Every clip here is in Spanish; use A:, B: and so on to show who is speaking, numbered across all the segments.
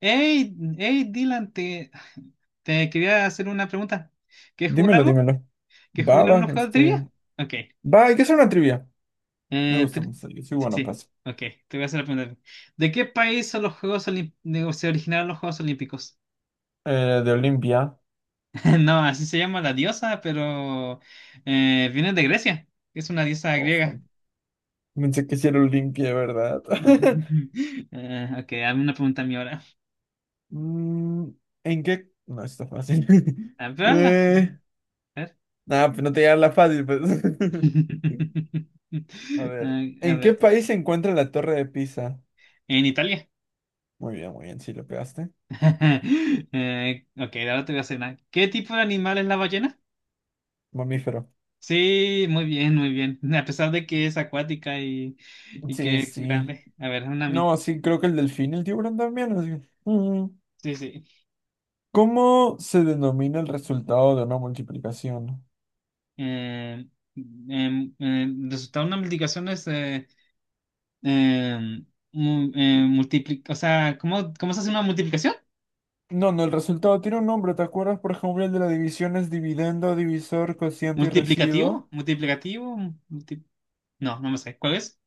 A: Hey, hey, Dylan, te quería hacer una pregunta. ¿Quieres jugar
B: Dímelo,
A: algo?
B: dímelo.
A: ¿Quieres
B: Va,
A: jugar
B: va,
A: unos juegos de
B: este.
A: trivia? Ok.
B: Va, hay que hacer una trivia. Me
A: Eh,
B: gusta
A: tri-
B: mucho. Yo soy
A: sí,
B: bueno,
A: sí.
B: pues.
A: Ok, te voy a hacer la pregunta. ¿De qué país son los Juegos Olim- se originaron los Juegos Olímpicos?
B: De Olimpia.
A: No, así se llama la diosa, pero viene de Grecia. Es una diosa
B: Oh,
A: griega.
B: man. Pensé que sí era Olimpia, ¿verdad?
A: Ok, hazme una pregunta a mí ahora.
B: Mm, ¿En qué? No, está fácil.
A: A ver, hazla.
B: eh,
A: A ver.
B: nada, pues no te llega la fácil, pues. A ver.
A: Ah, a
B: ¿En qué
A: ver.
B: país se encuentra la Torre de Pisa?
A: En Italia.
B: Muy bien, sí lo pegaste.
A: Ok, ahora te voy a hacer una. ¿Qué tipo de animal es la ballena?
B: Mamífero.
A: Sí, muy bien, muy bien. A pesar de que es acuática y que
B: Sí,
A: es
B: sí.
A: grande. A ver, una a mí.
B: No, sí, creo que el delfín, el tiburón también, así. Mm.
A: Sí, sí.
B: ¿Cómo se denomina el resultado de una multiplicación?
A: Eh, resultado de una multiplicación es em, o sea, ¿cómo se hace una multiplicación?
B: No, no, el resultado tiene un nombre. ¿Te acuerdas, por ejemplo, el de la división es dividendo, divisor, cociente y residuo?
A: ¿Multiplicativo? ¿Multiplicativo? multi- No, no me sé. ¿Cuál es?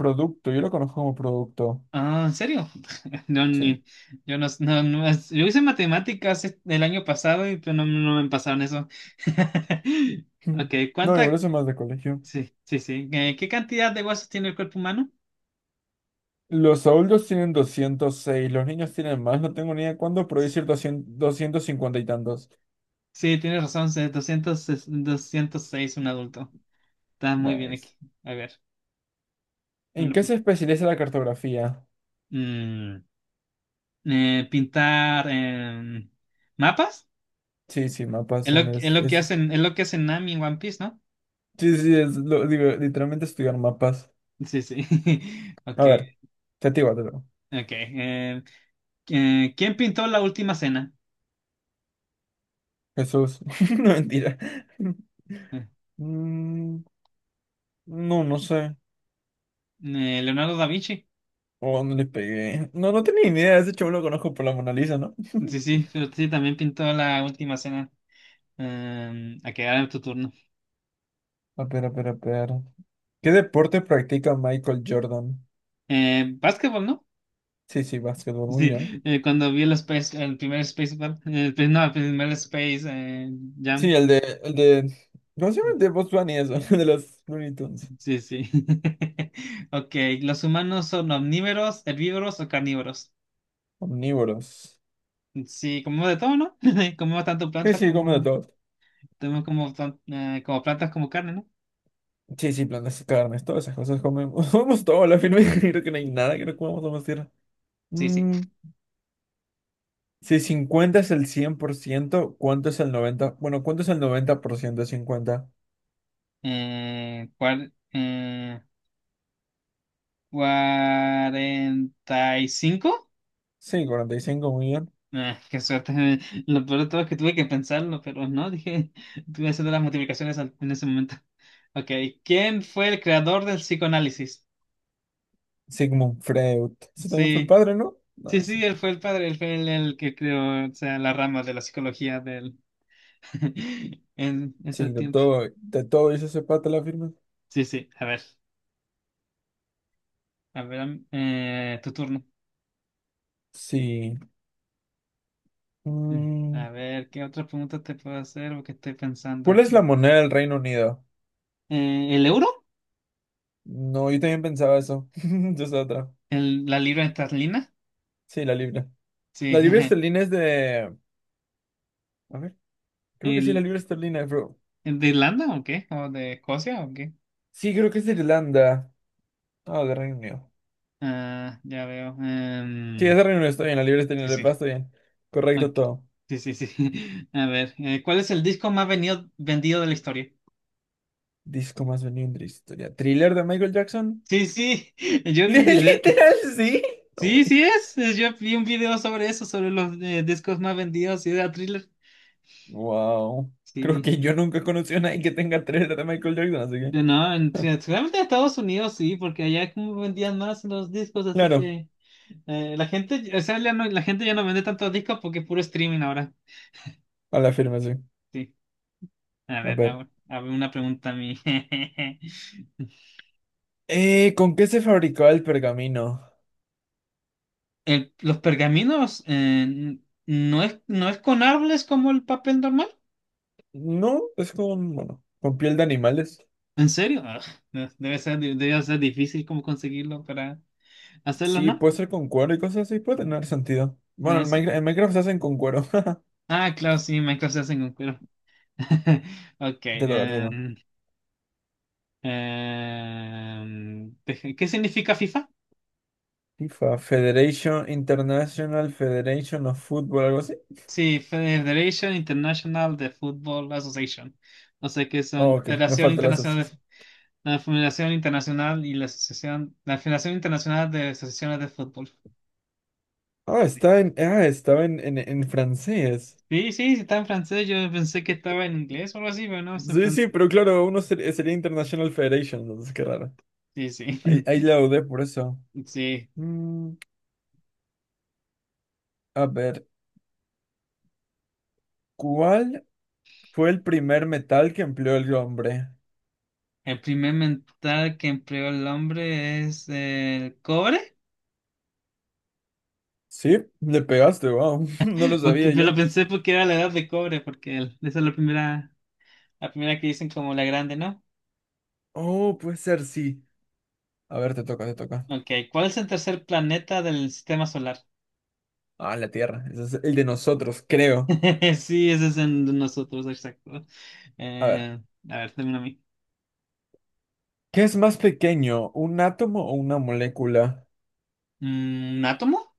B: Producto, yo lo conozco como producto.
A: Ah, ¿en serio? No,
B: Sí.
A: ni, yo no, no, no, yo hice matemáticas el año pasado y pues no, no me pasaron eso.
B: Ujú.
A: Ok,
B: No, igual
A: ¿cuánta?
B: eso es más de colegio.
A: Sí, sí, sí. ¿Qué cantidad de huesos tiene el cuerpo humano?
B: Los adultos tienen 206, los niños tienen más, no tengo ni idea cuándo, pero decir 200 250 y tantos.
A: Sí, tienes razón, es 206 un adulto. Está muy bien aquí.
B: Nice.
A: A ver,
B: ¿En
A: un
B: qué se
A: punto.
B: especializa la cartografía?
A: Mm, pintar mapas.
B: Sí, sí, mapas.
A: Es lo,
B: En
A: es
B: es,
A: lo que
B: es-
A: hacen, es lo que hacen Nami en One Piece, ¿no?
B: sí, sí, digo, literalmente estudiar mapas.
A: Sí, sí. Ok,
B: A ver, te digo, te digo.
A: ok. ¿Quién pintó la última cena?
B: Jesús. No, mentira.
A: Eh,
B: Mm, no, no sé.
A: Leonardo da Vinci.
B: ¿O dónde le pegué? No, no tenía ni idea. Ese chavo lo conozco por la Mona Lisa, ¿no?
A: Sí, sí, pero sí, también pintó la última cena. A quedar en tu turno.
B: A ver, a ver, a ver. ¿Qué deporte practica Michael Jordan?
A: Básquetbol, ¿no?
B: Sí, sí, básquetbol, muy bien.
A: Sí, cuando vi el primer Space Ball, pues, no, el primer Space
B: Sí,
A: Jam.
B: el de, ¿cómo se llama? El de Bugs Bunny, eso, de los Looney Tunes.
A: Sí, sí. Ok, ¿los humanos son omnívoros, herbívoros o carnívoros?
B: Omnívoros.
A: Sí, comemos de todo, ¿no? Comemos tanto
B: Sí,
A: plantas
B: sí, comen de
A: como,
B: todo.
A: como plantas como carne, ¿no?
B: Sí, sí, plantas y carnes, todas esas cosas comemos. Comemos todo, a la firme. Creo que no hay nada que no comamos a tierra.
A: Sí, sí.
B: Mm, Si 50 es el 100%, ¿cuánto es el 90? Bueno, ¿cuánto es el 90% de 50?
A: Eh, cuar- eh, 45.
B: Sí, 45 muy bien.
A: Ah, qué suerte. Lo peor de todo es que tuve que pensarlo, pero no, dije, tuve que hacer las multiplicaciones en ese momento. Ok, ¿quién fue el creador del psicoanálisis?
B: Sigmund Freud. Ese también fue el
A: Sí,
B: padre, ¿no?
A: sí,
B: No,
A: sí,
B: sí.
A: él fue el padre, él fue el que creó, o sea, la rama de la psicología del, en ese
B: Sí,
A: tiempo.
B: de todo hizo ese pata la firma.
A: Sí, sí, a ver, tu turno.
B: Sí.
A: Mm.
B: Mm,
A: A ver, ¿qué otra pregunta te puedo hacer? O qué estoy pensando.
B: ¿Cuál es la moneda del Reino Unido?
A: ¿El euro?
B: No, yo también pensaba eso. Yo estaba otra.
A: ¿La libra esterlina?
B: Sí, la libra. La
A: Sí.
B: libra esterlina es de. A ver, creo que sí, la
A: ¿El,
B: libra esterlina, bro.
A: el de Irlanda o qué? ¿O de Escocia o qué?
B: Sí, creo que es de Irlanda. Ah, de Reino Unido.
A: Ah, ya veo.
B: Sí, esa reunión está bien, la libre está
A: Sí,
B: bien, la
A: sí.
B: paz está bien.
A: Ok.
B: Correcto todo.
A: Sí, sí, sí. A ver, ¿cuál es el disco más vendido de la historia?
B: Disco más vendido en la historia. ¿Thriller de Michael Jackson?
A: Sí, sí. Yo vi un video.
B: Literal, sí. No,
A: Sí, sí
B: güey.
A: es. Yo vi un video sobre eso, sobre los discos más vendidos y de Thriller.
B: Wow. Creo
A: Sí.
B: que yo nunca he conocido a nadie que tenga thriller de Michael Jackson, así
A: Pero
B: que.
A: no, sí, realmente en Estados Unidos sí, porque allá como vendían más los discos, así
B: Claro,
A: que. La gente, o sea, la gente ya no vende tantos discos porque es puro streaming ahora.
B: a la firma, sí.
A: Sí. A
B: A
A: ver,
B: ver.
A: ahora, a ver una pregunta a mí.
B: ¿Con qué se fabricaba el pergamino?
A: Los pergaminos no es, con árboles como el papel normal.
B: No, es con, bueno, con piel de animales.
A: ¿En serio? Ugh, no, debe ser difícil como conseguirlo para hacerlo,
B: Sí,
A: ¿no?
B: puede ser con cuero y cosas así, puede tener sentido.
A: No
B: Bueno, en
A: es-
B: Minecraft, en Minecraft se hacen con cuero.
A: Ah, claro, sí, Minecraft se hace con cuero. Ok.
B: Te toca, te
A: em,
B: toca.
A: em, deja- ¿qué significa FIFA?
B: FIFA, Federation International Federation of Football, algo así.
A: Sí, Federation International de Football Association. O sea que son
B: Oh,
A: la
B: ok, me
A: Federación
B: falta la
A: Internacional de,
B: asociación.
A: la Federación Internacional y la Asociación, la Federación Internacional de Asociaciones de Fútbol.
B: Ah,
A: Sí,
B: estaba en francés.
A: sí, sí, sí, está en francés. Yo pensé que estaba en inglés o algo así, pero no, está en
B: Sí, sí,
A: francés.
B: pero claro, uno sería International Federation, entonces qué raro.
A: Sí, sí.
B: Ahí, la dudé por eso.
A: Sí.
B: Mm, a ver, ¿cuál fue el primer metal que empleó el hombre?
A: El primer metal que empleó el hombre es el cobre.
B: Sí, le pegaste, wow, no lo sabía
A: Porque, pero
B: yo.
A: pensé porque era la edad de cobre, porque esa es la primera que dicen como la grande, ¿no?
B: Oh, puede ser, sí. A ver, te toca, te toca.
A: Ok, ¿cuál es el tercer planeta del sistema solar?
B: Ah, la Tierra, ese es el de nosotros, creo.
A: Sí, ese es en nosotros, exacto.
B: A ver.
A: Eh, a ver, dame a mí.
B: ¿Qué es más pequeño, un átomo o una molécula?
A: ¿Un átomo?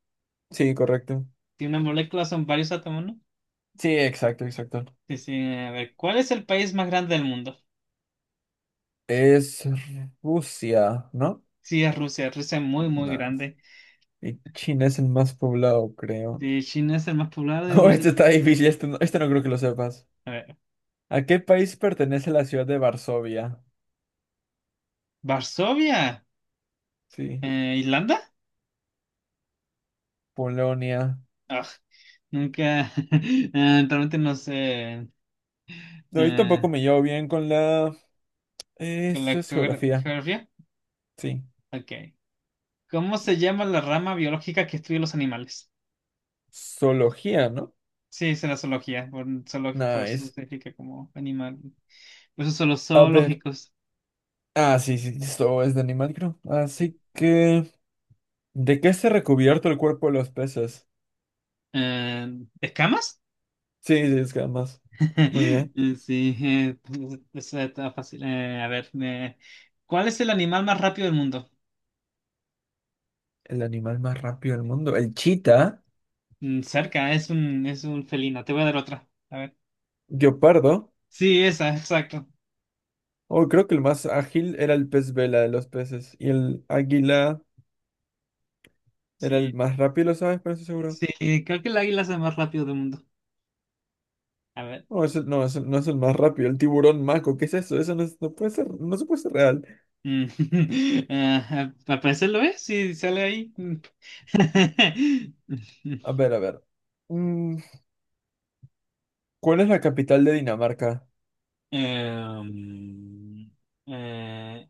B: Sí, correcto.
A: Tiene una molécula, son varios átomos, ¿no?
B: Sí, exacto, exacto.
A: Sí, sí, a ver, ¿cuál es el país más grande del mundo?
B: Es Rusia, ¿no?
A: Sí, es Rusia. Rusia es muy, muy
B: Nice.
A: grande.
B: Y China es el más poblado, creo.
A: Sí, China es el más poblado y
B: No,
A: Rusia
B: este
A: es.
B: está difícil, este no creo que lo sepas.
A: A ver,
B: ¿A qué país pertenece la ciudad de Varsovia?
A: ¿Varsovia?
B: Sí,
A: ¿Islanda?
B: Polonia.
A: Ah, nunca, realmente no sé.
B: No, yo
A: Eh,
B: tampoco me llevo bien con la.
A: ¿con la
B: Esto es
A: geogra-
B: geografía,
A: geografía?
B: sí.
A: Ok. ¿Cómo se llama la rama biológica que estudia los animales?
B: Zoología, ¿no?
A: Sí, es la zoología, por su
B: Nice.
A: significa como animal. Por eso son los
B: A ver.
A: zoológicos.
B: Ah, sí, sí, esto es de animal, creo. Así que. ¿De qué está recubierto el cuerpo de los peces?
A: Eh, ¿escamas?
B: Sí, sí, es que además. Muy bien.
A: Sí, pues, eso está fácil. A ver, ¿cuál es el animal más rápido del mundo?
B: El animal más rápido del mundo. El chita.
A: Cerca, es un felino. Te voy a dar otra. A ver.
B: Guepardo.
A: Sí, esa, exacto.
B: Oh, creo que el más ágil era el pez vela de los peces. Y el águila era el
A: Sí,
B: más rápido, ¿sabes? Pero eso seguro.
A: sí, creo que el águila es el más rápido del mundo. A ver.
B: No, no, ese no es el más rápido. El tiburón maco. ¿Qué es eso? Eso no, no puede ser. No se puede ser real.
A: Mm, ah, al parecer lo es, si sale ahí.
B: A ver, a ver. Mm, ¿Cuál es la capital de Dinamarca?
A: Em, eh,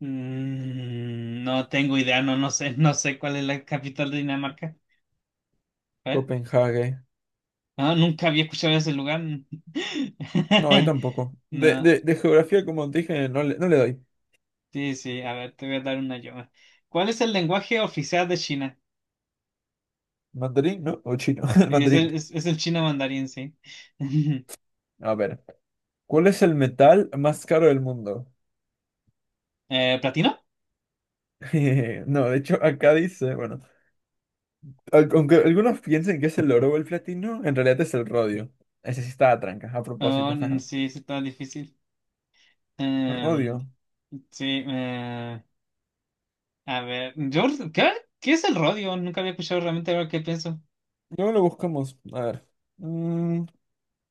A: no tengo idea, no sé cuál es la capital de Dinamarca. A ver.
B: Copenhague.
A: Ah, nunca había escuchado ese lugar.
B: No, yo tampoco. De,
A: No,
B: de, de geografía, como dije, no le doy.
A: sí, sí, a ver, te voy a dar una yo. ¿Cuál es el lenguaje oficial de China?
B: ¿Mandarín, no? ¿O chino? El
A: Sí, Es
B: Mandarín.
A: el, es, es el chino mandarín, sí.
B: A ver. ¿Cuál es el metal más caro del mundo?
A: ¿Platino?
B: No, de hecho, acá dice, bueno, aunque algunos piensen que es el oro o el platino, en realidad es el rodio. Ese sí está a tranca, a
A: Oh,
B: propósito.
A: sí, sí, está difícil. Em,
B: Rodio.
A: sí, a ver, ¿qué? ¿Qué es el rodio? Nunca había escuchado realmente ahora que pienso.
B: Luego lo buscamos. A ver. Mm,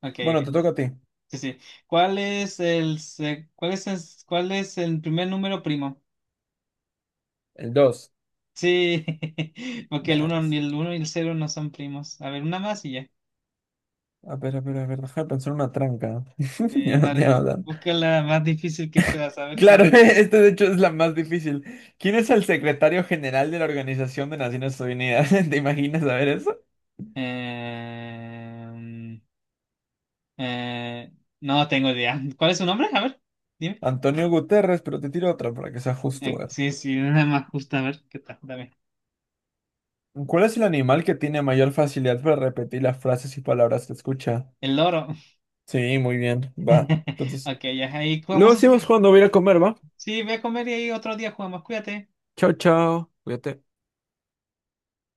A: Ok,
B: bueno, te
A: ok.
B: toca a ti.
A: Sí, sí. ¿Cuál es el, se- cuál es el primer número primo?
B: El dos.
A: Sí, porque el uno
B: Nice.
A: ni el uno y el cero no son primos. A ver, una más y ya.
B: A ver, a ver, a ver, deja de pensar una tranca.
A: Sí,
B: Ya, no
A: una,
B: ya.
A: busca la más difícil que puedas, a ver si.
B: Claro, esta de hecho es la más difícil. ¿Quién es el secretario general de la Organización de Naciones Unidas? ¿Te imaginas saber eso?
A: Em, eh, no tengo idea. ¿Cuál es su nombre? A ver, dime.
B: Antonio Guterres, pero te tiro otra para que sea justo,
A: Eh,
B: a.
A: sí, sí, una más justa, a ver, ¿qué tal? Dame.
B: ¿Cuál es el animal que tiene mayor facilidad para repetir las frases y palabras que escucha?
A: El loro.
B: Sí, muy bien, va. Entonces,
A: Ok, ya ahí jugamos
B: luego
A: otro.
B: seguimos cuando voy a ir a comer, ¿va?
A: Sí, voy a comer y ahí otro día jugamos. Cuídate.
B: Chao, chao. Cuídate.